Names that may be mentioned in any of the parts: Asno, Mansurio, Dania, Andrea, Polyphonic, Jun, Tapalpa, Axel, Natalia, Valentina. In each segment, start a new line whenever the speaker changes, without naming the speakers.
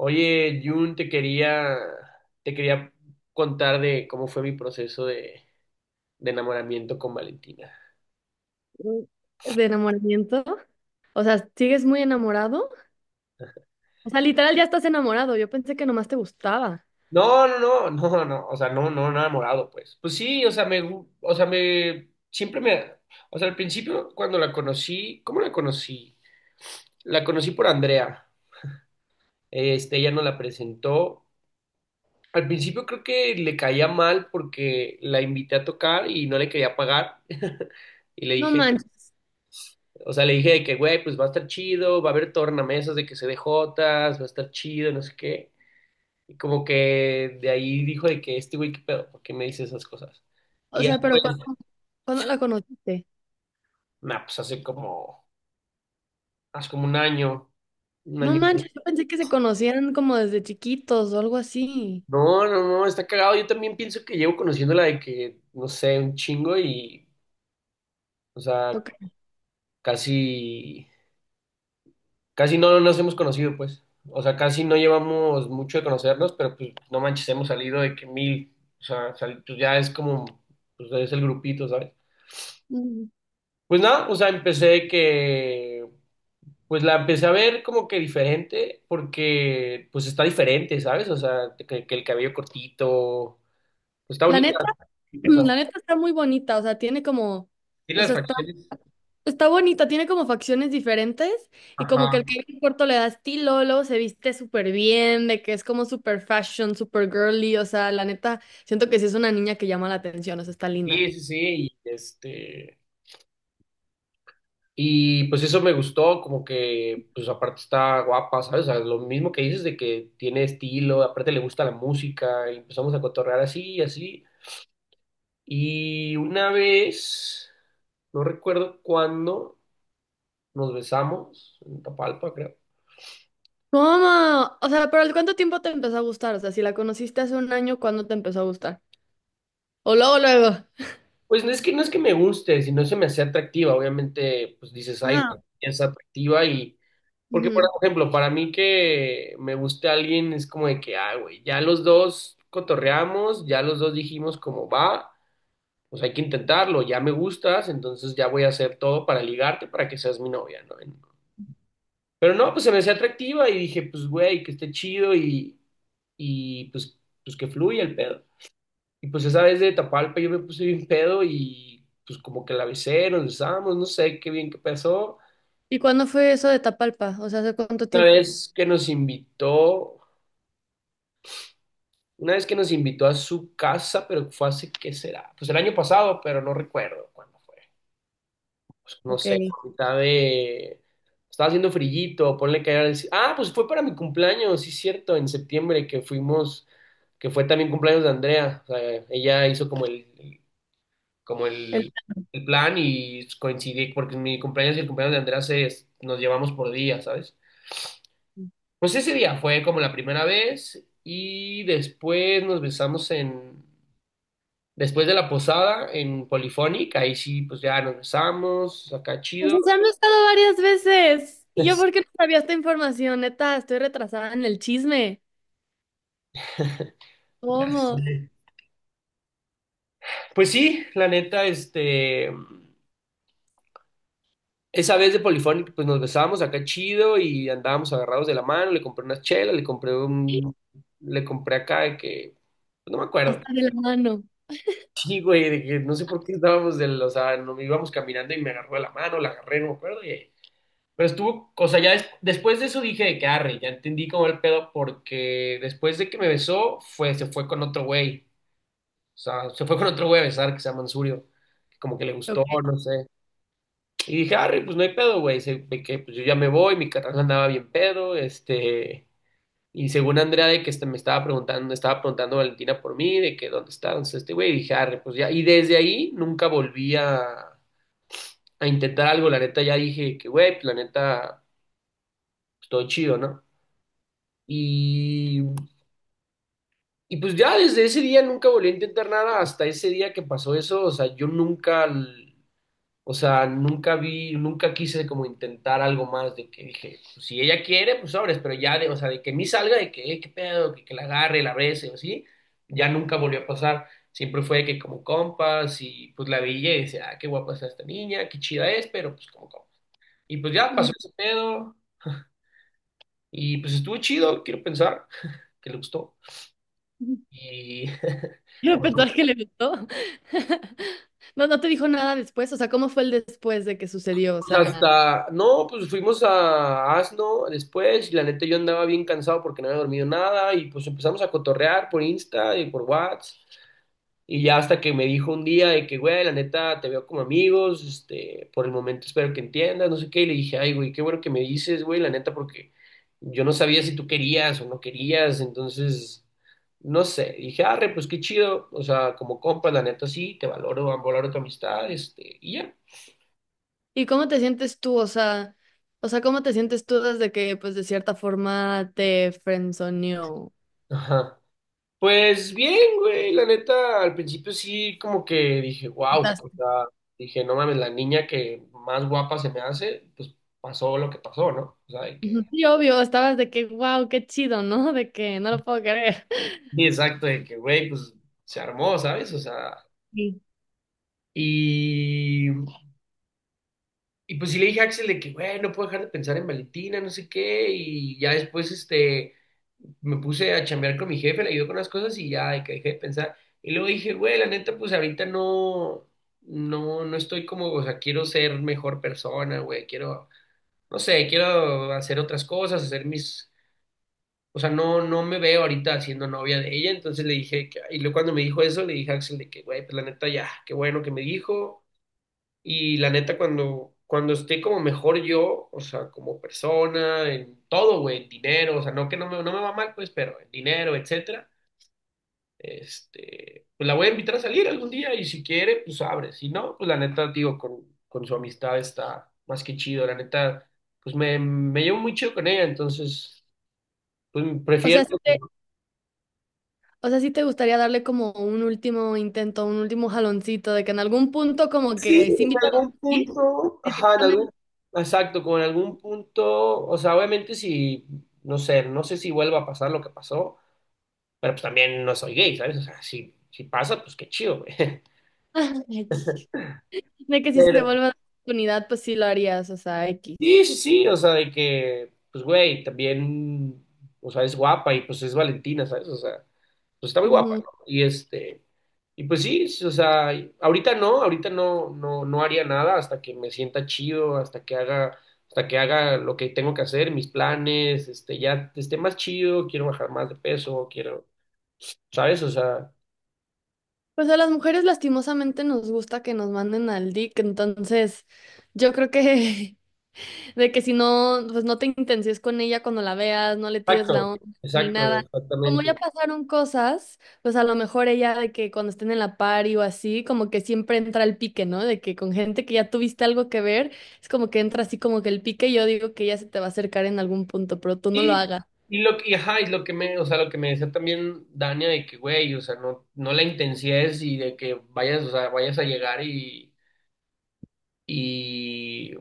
Oye, Jun, te quería contar de cómo fue mi proceso de enamoramiento con Valentina.
De enamoramiento. O sea, ¿sigues muy enamorado? O sea, literal ya estás enamorado. Yo pensé que nomás te gustaba.
No, no, no, no, no, o sea, no, no, no enamorado, pues. Pues sí, o sea, me, gu- o sea, me, siempre me, o sea, al principio cuando la conocí, ¿cómo la conocí? La conocí por Andrea, ella nos la presentó. Al principio creo que le caía mal porque la invité a tocar y no le quería pagar. Y le
No manches.
Le dije de que, güey, pues va a estar chido, va a haber tornamesas de que se dé jotas, va a estar chido, no sé qué. Y como que de ahí dijo de que este güey, ¿qué pedo? ¿Por qué me dice esas cosas?
O
Y ya,
sea, pero ¿cuándo la conociste?
nah, pues hace como un año, un
No
año.
manches, yo pensé que se conocían como desde chiquitos o algo así.
No, no, no, está cagado. Yo también pienso que llevo conociéndola de que, no sé, un chingo y, o sea,
Ok.
casi. Casi no nos hemos conocido, pues. O sea, casi no llevamos mucho de conocernos, pero pues no manches, hemos salido de que mil. O sea, pues, ya es como, pues es el grupito, ¿sabes?
Mm.
Pues nada, o sea, pues la empecé a ver como que diferente, porque pues está diferente, ¿sabes? O sea, que el cabello cortito, pues está
La
bonita.
neta,
O sea,
la neta está muy bonita. O sea, tiene como,
sí
o
las
sea, está
facciones.
Está bonita, tiene como facciones diferentes y como que el
Ajá.
cabello corto le da estilo, luego se viste súper bien, de que es como súper fashion, súper girly, o sea, la neta, siento que sí es una niña que llama la atención, o sea, está linda.
Sí, sí, sí, y este... Y pues eso me gustó, como que, pues aparte está guapa, ¿sabes? O sea, lo mismo que dices de que tiene estilo, aparte le gusta la música, y empezamos a cotorrear así y así. Y una vez, no recuerdo cuándo, nos besamos, en Tapalpa, creo.
¿Cómo? O sea, pero ¿al cuánto tiempo te empezó a gustar? O sea, si la conociste hace un año, ¿cuándo te empezó a gustar? O luego, luego.
Pues no es que me guste, sino se me hacía atractiva, obviamente, pues dices, ay,
Ajá.
güey, es atractiva y porque, por
Ujú.
ejemplo, para mí que me guste alguien es como de que, ah, güey, ya los dos cotorreamos, ya los dos dijimos cómo va, pues hay que intentarlo, ya me gustas, entonces ya voy a hacer todo para ligarte, para que seas mi novia, ¿no? Pero no, pues se me hacía atractiva y dije, pues, güey, que esté chido y, pues que fluya el pedo. Y pues esa vez de Tapalpa yo me puse bien pedo y pues como que la besé, nos besamos, no sé qué bien que pasó.
¿Y cuándo fue eso de Tapalpa? O sea, ¿hace cuánto
Una
tiempo?
vez que nos invitó. Una vez que nos invitó a su casa, pero fue hace, ¿qué será? Pues el año pasado, pero no recuerdo cuándo fue. Pues, no
Ok.
sé,
El...
a mitad de... Estaba haciendo frillito, ponle que era el... Ah, pues fue para mi cumpleaños, sí, cierto, en septiembre que fuimos, que fue también cumpleaños de Andrea. O sea, ella hizo como el plan y coincidí, porque mi cumpleaños y el cumpleaños de Andrea se, nos llevamos por día, ¿sabes? Pues ese día fue como la primera vez y después nos besamos en... Después de la posada en Polyphonic, ahí sí, pues ya nos besamos, acá
Pues,
chido.
o sea, han estado varias veces. ¿Y yo
Pues,
por qué no sabía esta información? Neta, estoy retrasada en el chisme.
ya
¿Cómo?
sé. Pues sí, la neta, esa vez de Polyphonic, pues nos besamos acá chido y andábamos agarrados de la mano, le compré unas chelas, le compré un, le compré acá de que, pues, no me acuerdo.
Hasta de la mano.
Sí, güey, de que no sé por qué estábamos del, o sea, no, íbamos caminando y me agarró de la mano, la agarré, no me acuerdo, y pero estuvo, o sea, ya des- después de eso dije de que arre, ya entendí como el pedo porque después de que me besó, fue, se fue con otro güey. O sea, se fue con otro güey a besar que se llama Mansurio. Que como que le gustó,
Ok.
no sé. Y dije, arre, pues no hay pedo, güey. Se- de que pues yo ya me voy, mi carnal andaba bien pedo, este. Y según Andrea de que este, me estaba preguntando Valentina por mí, de que dónde está este güey, y dije, arre, pues ya. Y desde ahí nunca volví a intentar algo, la neta ya dije que, güey, pues la neta, pues, todo chido, ¿no? Y, y pues ya desde ese día nunca volví a intentar nada hasta ese día que pasó eso. O sea, yo nunca, l- o sea, nunca vi, nunca quise como intentar algo más de que dije, pues, si ella quiere, pues sobres, pero ya de, o sea, de que me salga, de que, qué pedo, que la agarre, la bese o así, ya nunca volvió a pasar. Siempre fue de que como compas y pues la veía y decía, ah, qué guapa está esta niña, qué chida es, pero pues como compas. Y pues ya pasó
Mm.
ese pedo y pues estuvo chido, quiero pensar que le gustó. Y
El
fuimos
repertorio que le gustó. No, no te dijo nada después. O sea, ¿cómo fue el después de que sucedió? O sea,
hasta, no, pues fuimos a Asno después y la neta yo andaba bien cansado porque no había dormido nada y pues empezamos a cotorrear por Insta y por WhatsApp y ya hasta que me dijo un día de que, güey, la neta te veo como amigos, por el momento espero que entiendas, no sé qué, y le dije, ay, güey, qué bueno que me dices, güey, la neta porque yo no sabía si tú querías o no querías, entonces... No sé, dije, arre, pues qué chido, o sea, como compa, la neta sí, te valoro, valoro tu amistad, este, y ya.
¿y cómo te sientes tú? O sea, ¿cómo te sientes tú desde que, pues, de cierta forma te friendzoneó?
Ajá. Pues bien, güey, la neta, al principio sí como que dije, wow,
Estás-
o sea, dije, no mames, la niña que más guapa se me hace, pues pasó lo que pasó, ¿no? O sea, de que,
Ujú. Sí, obvio, estabas de que, wow, qué chido, ¿no? De que no lo puedo creer.
sí, exacto, de que, güey, pues se armó, ¿sabes? O sea,
Sí.
y pues sí le dije a Axel de que, güey, no puedo dejar de pensar en Valentina, no sé qué, y ya después, me puse a chambear con mi jefe, le ayudó con las cosas y ya, de que dejé de pensar. Y luego dije, güey, la neta, pues ahorita no estoy como, o sea, quiero ser mejor persona, güey, quiero, no sé, quiero hacer otras cosas, hacer mis, o sea, no, no me veo ahorita siendo novia de ella, entonces le dije, que- y luego cuando me dijo eso, le dije a Axel de que, güey, pues la neta, ya, qué bueno que me dijo, y la neta, cuando esté como mejor yo, o sea, como persona, en todo, güey, en dinero, o sea, no me va mal, pues, pero en dinero, etcétera, este, pues la voy a invitar a salir algún día y si quiere, pues abre. Si no, pues la neta, digo, con su amistad está más que chido, la neta, pues me llevo muy chido con ella, entonces, pues
O
prefiero.
sea, sí O sea, sí te gustaría darle como un último intento, un último jaloncito, de que en algún punto como
Sí,
que sí
en
invitarlos
algún
a ir
punto, ajá, en
directamente.
algún, exacto, como en algún punto, o sea, obviamente si, no sé, no sé si vuelva a pasar lo que pasó, pero pues también no soy gay, ¿sabes? O sea, si, si pasa, pues qué chido, güey.
X. De que si se
Pero,
vuelve a dar la oportunidad, pues sí lo harías, o sea, X.
sí, sí, sí, o sea, de que, pues, güey, también, o sea, es guapa y pues es Valentina, ¿sabes? O sea, pues está muy guapa,
Ujú.
¿no? Y y pues sí, sí, o sea, ahorita no, no, no haría nada hasta que me sienta chido, hasta que haga lo que tengo que hacer, mis planes, este, ya esté más chido, quiero bajar más de peso, quiero, ¿sabes? O sea,
Pues a las mujeres lastimosamente nos gusta que nos manden al dick, entonces yo creo que de que si no, pues no te intencies con ella cuando la veas, no le tires la
exacto,
onda ni
exacto,
nada. Como ya
exactamente.
pasaron cosas, pues a lo mejor ella de que cuando estén en la party o así, como que siempre entra el pique, ¿no? De que con gente que ya tuviste algo que ver, es como que entra así como que el pique, y yo digo que ella se te va a acercar en algún punto, pero tú no lo
Y,
hagas.
ajá, y lo que me, o sea, lo que me decía también Dania de que, güey, o sea, no, no la intensies y de que vayas a llegar y,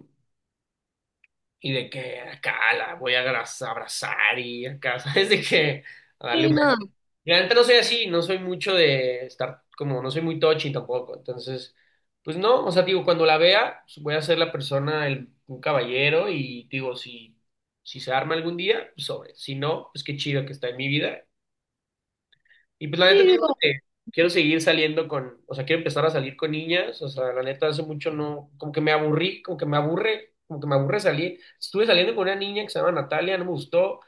y de que acá la voy a abraza- abrazar y acá, ¿sabes? De que a darle
Sí,
un beso.
no,
Y la neta no soy así, no soy mucho de estar como, no soy muy touchy tampoco, entonces, pues no, o sea, digo, cuando la vea, pues, voy a ser la persona, el, un caballero y digo, si se arma algún día, pues sobre, si no, pues qué chido que está en mi vida. Y pues la neta,
sí,
te digo
digo.
que quiero seguir saliendo con, o sea, quiero empezar a salir con niñas, o sea, la neta hace mucho no, como que me aburrí, como que me aburre salir. Estuve saliendo con una niña que se llama Natalia, no me gustó,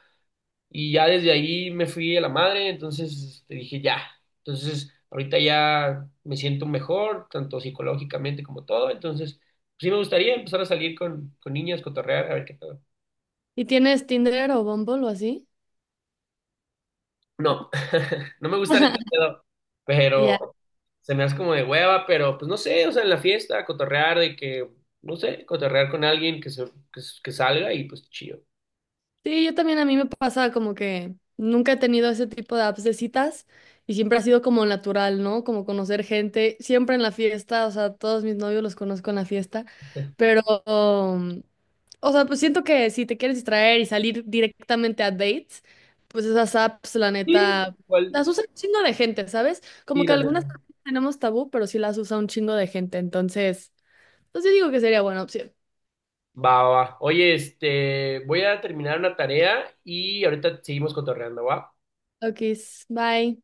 y ya desde ahí me fui a la madre, entonces te dije ya. Entonces, ahorita ya me siento mejor, tanto psicológicamente como todo, entonces, pues, sí me gustaría empezar a salir con niñas, cotorrear, a ver qué tal.
¿Y tienes Tinder o Bumble o así?
No, no me gustan ese pedo,
Ya.
pero se me hace como de hueva, pero pues no sé, o sea, en la fiesta, cotorrear de que, no sé, cotorrear con alguien que salga y pues chido.
Sí, yo también a mí me pasa como que nunca he tenido ese tipo de apps de citas y siempre ha sido como natural, ¿no? Como conocer gente, siempre en la fiesta, o sea, todos mis novios los conozco en la fiesta, pero, um, o sea, pues siento que si te quieres distraer y salir directamente a dates, pues esas apps, la
Sí,
neta,
igual,
las usa un chingo de gente, ¿sabes? Como
sí,
que
la
algunas
neta.
tenemos tabú, pero sí las usa un chingo de gente, entonces, pues yo digo que sería buena opción.
Va, va, va. Oye, este, voy a terminar una tarea y ahorita seguimos cotorreando, ¿va?
Ok, bye.